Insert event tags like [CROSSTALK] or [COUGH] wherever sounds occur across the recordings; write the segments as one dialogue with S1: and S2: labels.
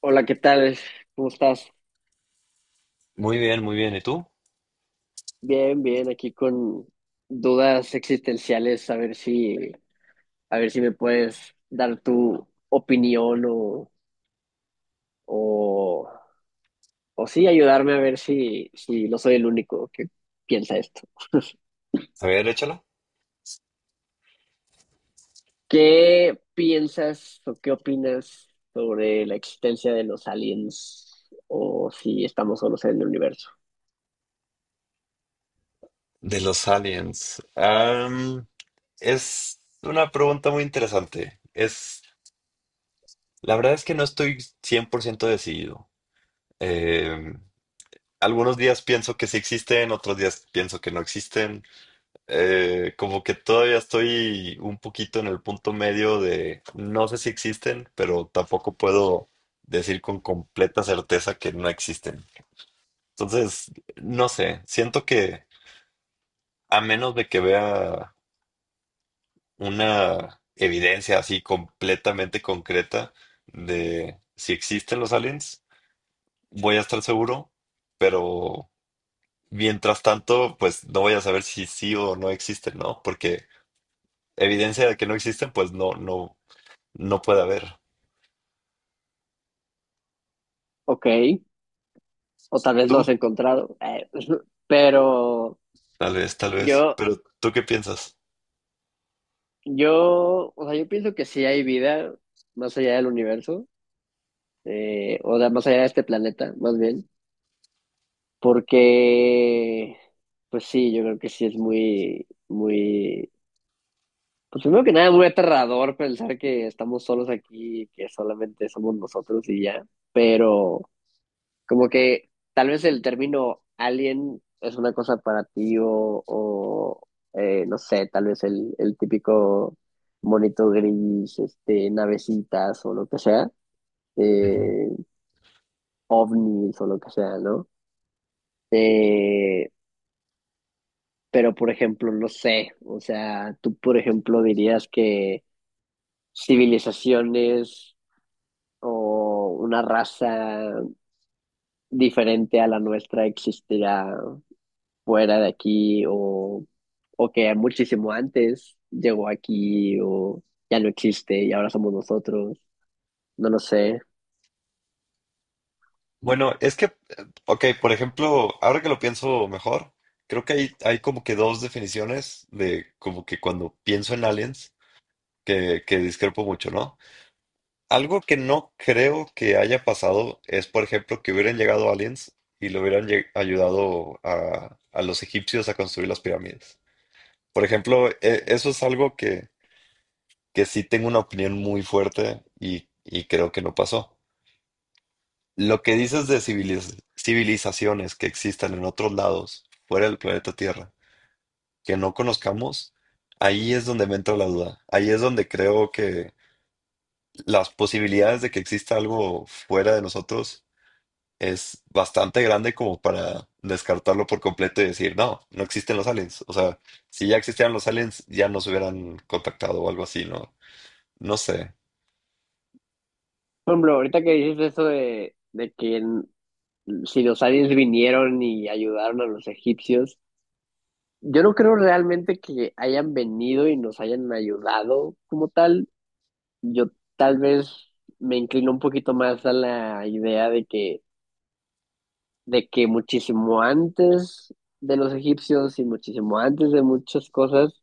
S1: Hola, ¿qué tal? ¿Cómo estás?
S2: Muy bien, muy bien. ¿Y tú?
S1: Bien, bien, aquí con dudas existenciales, a ver si me puedes dar tu opinión o, o sí ayudarme a ver si, si no soy el único que piensa esto. [LAUGHS]
S2: A ver, échala.
S1: ¿Qué piensas o qué opinas sobre la existencia de los aliens o si estamos solos en el universo?
S2: De los aliens. Es una pregunta muy interesante. La verdad es que no estoy 100% decidido. Eh, Algunos días pienso que sí existen, otros días pienso que no existen. Como que todavía estoy un poquito en el punto medio de no sé si existen, pero tampoco puedo decir con completa certeza que no existen. Entonces, no sé, siento que a menos de que vea una evidencia así completamente concreta de si existen los aliens, voy a estar seguro, pero mientras tanto, pues no voy a saber si sí o no existen, ¿no? Porque evidencia de que no existen, pues no, no, no puede haber.
S1: Ok, o tal vez no
S2: Tú,
S1: has encontrado, [LAUGHS] pero
S2: tal
S1: yo,
S2: vez, pero ¿tú qué piensas?
S1: yo, o sea, yo pienso que sí hay vida más allá del universo. O da más allá de este planeta, más bien, porque, pues sí, yo creo que sí es muy, muy, pues primero que nada, muy aterrador pensar que estamos solos aquí, que solamente somos nosotros y ya, pero como que tal vez el término alien es una cosa para ti o no sé, tal vez el típico monito gris, este, navecitas o lo que sea. eh, Ovnis o lo que sea, ¿no? Eh, pero, por ejemplo, no sé, o sea, tú, por ejemplo, dirías que civilizaciones o una raza diferente a la nuestra existirá fuera de aquí o que muchísimo antes llegó aquí o ya no existe y ahora somos nosotros, no lo sé.
S2: Bueno, ok, por ejemplo, ahora que lo pienso mejor, creo que hay como que dos definiciones de como que cuando pienso en aliens, que discrepo mucho, ¿no? Algo que no creo que haya pasado es, por ejemplo, que hubieran llegado aliens y le ayudado a los egipcios a construir las pirámides. Por ejemplo, eso es algo que sí tengo una opinión muy fuerte y creo que no pasó. Lo que dices de civilizaciones que existan en otros lados, fuera del planeta Tierra, que no conozcamos, ahí es donde me entra la duda. Ahí es donde creo que las posibilidades de que exista algo fuera de nosotros es bastante grande como para descartarlo por completo y decir, no, no existen los aliens. O sea, si ya existieran los aliens, ya nos hubieran contactado o algo así, ¿no? No sé.
S1: Por ejemplo, ahorita que dices eso de que en- si los aliens vinieron y ayudaron a los egipcios, yo no creo realmente que hayan venido y nos hayan ayudado como tal. Yo tal vez me inclino un poquito más a la idea de que muchísimo antes de los egipcios y muchísimo antes de muchas cosas,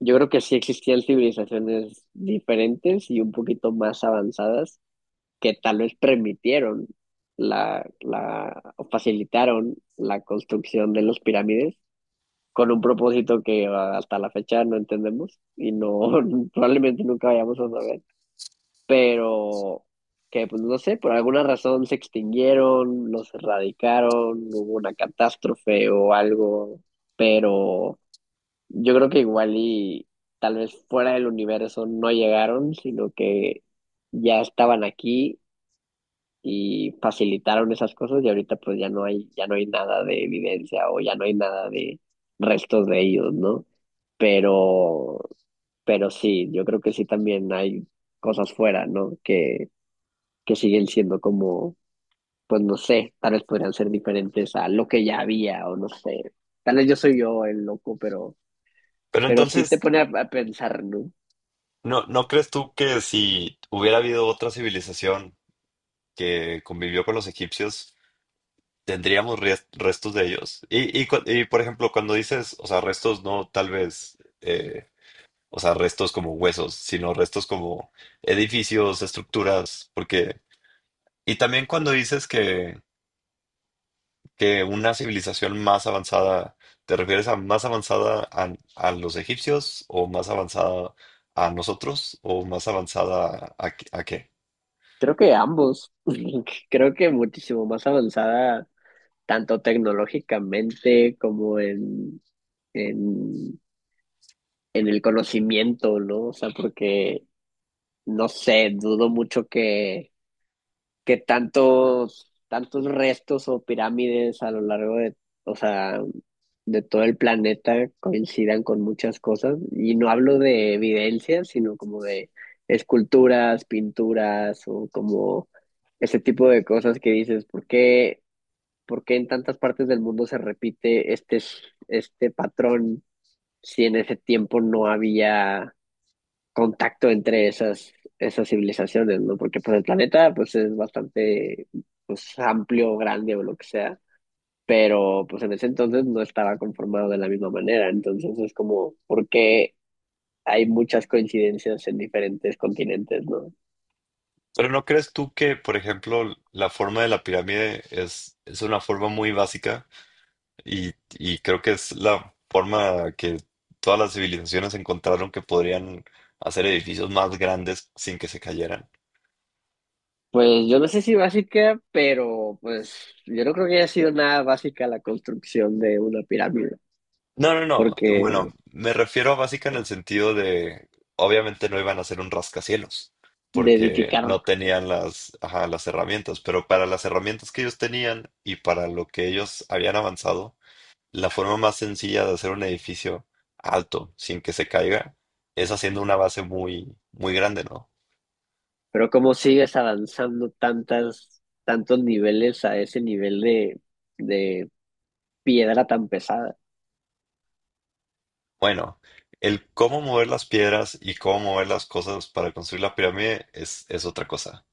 S1: yo creo que sí existían civilizaciones diferentes y un poquito más avanzadas que tal vez permitieron o facilitaron la construcción de las pirámides con un propósito que hasta la fecha no entendemos y no [LAUGHS] probablemente nunca vayamos a saber, pero que pues no sé, por alguna razón se extinguieron, los erradicaron, hubo una catástrofe o algo, pero yo creo que igual y tal vez fuera del universo no llegaron, sino que ya estaban aquí y facilitaron esas cosas y ahorita pues ya no hay nada de evidencia o ya no hay nada de restos de ellos, ¿no? Pero, pero sí, yo creo que sí también hay cosas fuera, ¿no? Que siguen siendo como, pues no sé, tal vez podrían ser diferentes a lo que ya había o no sé. Tal vez yo soy yo el loco,
S2: Pero
S1: pero sí te
S2: entonces,
S1: pone a pensar, ¿no?
S2: ¿no, no crees tú que si hubiera habido otra civilización, que convivió con los egipcios, tendríamos restos de ellos? Por ejemplo, cuando dices, o sea, restos no tal vez, o sea, restos como huesos, sino restos como edificios, estructuras, porque... Y también cuando dices que una civilización más avanzada, ¿te refieres a más avanzada a los egipcios o más avanzada a nosotros o más avanzada a qué?
S1: Creo que ambos, [LAUGHS] creo que muchísimo más avanzada, tanto tecnológicamente como en, en el conocimiento, ¿no? O sea, porque, no sé, dudo mucho que tantos, tantos restos o pirámides a lo largo de, o sea, de todo el planeta coincidan con muchas cosas. Y no hablo de evidencias, sino como de esculturas, pinturas o como ese tipo de cosas que dices, ¿por qué en tantas partes del mundo se repite este patrón si en ese tiempo no había contacto entre esas civilizaciones, ¿no? Porque pues el planeta pues es bastante pues amplio, grande o lo que sea, pero pues en ese entonces no estaba conformado de la misma manera, entonces es como, por qué hay muchas coincidencias en diferentes continentes, ¿no?
S2: Pero ¿no crees tú que, por ejemplo, la forma de la pirámide es una forma muy básica y creo que es la forma que todas las civilizaciones encontraron que podrían hacer edificios más grandes sin que se cayeran?
S1: Pues yo no sé si básica, pero pues yo no creo que haya sido nada básica la construcción de una pirámide,
S2: No, no, no. Bueno,
S1: porque
S2: me refiero a básica en el sentido de, obviamente no iban a hacer un rascacielos
S1: de
S2: porque
S1: edificar
S2: no tenían las, ajá, las herramientas, pero para las herramientas que ellos tenían y para lo que ellos habían avanzado, la forma más sencilla de hacer un edificio alto sin que se caiga es haciendo una base muy, muy grande, ¿no?
S1: pero cómo sigues avanzando tantas, tantos niveles a ese nivel de piedra tan pesada.
S2: Bueno, el cómo mover las piedras y cómo mover las cosas para construir la pirámide es otra cosa.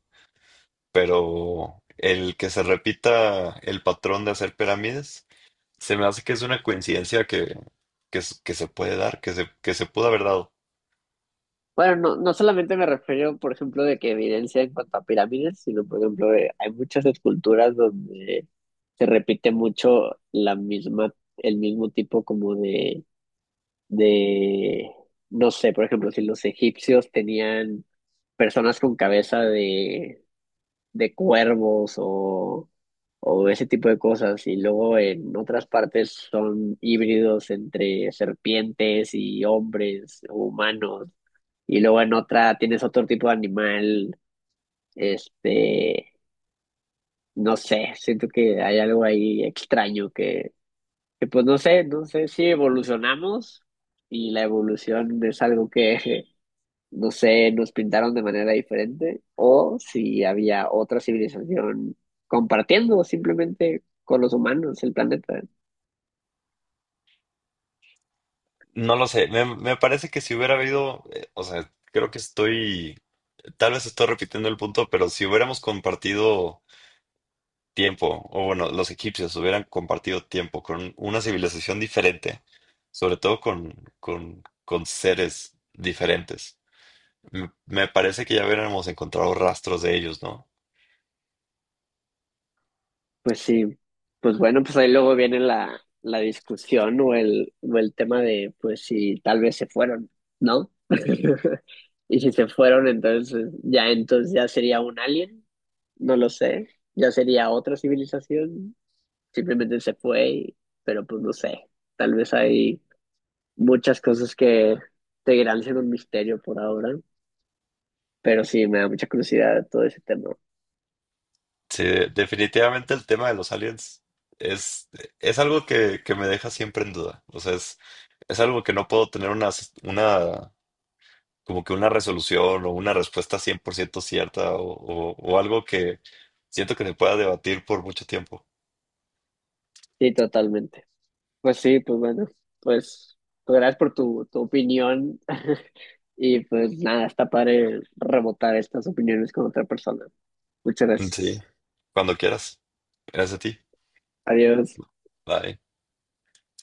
S2: Pero el que se repita el patrón de hacer pirámides, se me hace que es una coincidencia que se puede dar, que se pudo haber dado.
S1: Bueno, no, no solamente me refiero, por ejemplo, de que evidencia en cuanto a pirámides, sino, por ejemplo, de- hay muchas esculturas donde se repite mucho la misma, el mismo tipo como de, no sé, por ejemplo, si los egipcios tenían personas con cabeza de cuervos o ese tipo de cosas. Y luego en otras partes son híbridos entre serpientes y hombres o humanos. Y luego en otra tienes otro tipo de animal. Este, no sé, siento que hay algo ahí extraño que pues no sé, no sé si evolucionamos y la evolución es algo que [LAUGHS] no sé, nos pintaron de manera diferente, o si había otra civilización compartiendo simplemente con los humanos el planeta.
S2: No lo sé, me parece que si hubiera habido, o sea, creo que estoy... Tal vez estoy repitiendo el punto, pero si hubiéramos compartido tiempo, o bueno, los egipcios hubieran compartido tiempo con una civilización diferente, sobre todo con seres diferentes, me parece que ya hubiéramos encontrado rastros de ellos, ¿no?
S1: Pues sí, pues bueno, pues ahí luego viene la discusión o o el tema de, pues si tal vez se fueron, ¿no? [LAUGHS] Y si se fueron, entonces ya sería un alien, no lo sé, ya sería otra civilización, simplemente se fue, y- pero pues no sé, tal vez hay muchas cosas que seguirán siendo un misterio por ahora, pero sí, me da mucha curiosidad todo ese tema.
S2: Sí, definitivamente el tema de los aliens es, es algo que me deja siempre en duda. O sea, es algo que no puedo tener una como que una resolución o una respuesta 100% cierta o algo que siento que se pueda debatir por mucho tiempo.
S1: Sí, totalmente. Pues sí, pues bueno, pues, pues gracias por tu opinión [LAUGHS] y pues nada, está padre rebotar estas opiniones con otra persona. Muchas
S2: Sí,
S1: gracias.
S2: cuando quieras. Gracias a ti.
S1: Adiós.
S2: Bye.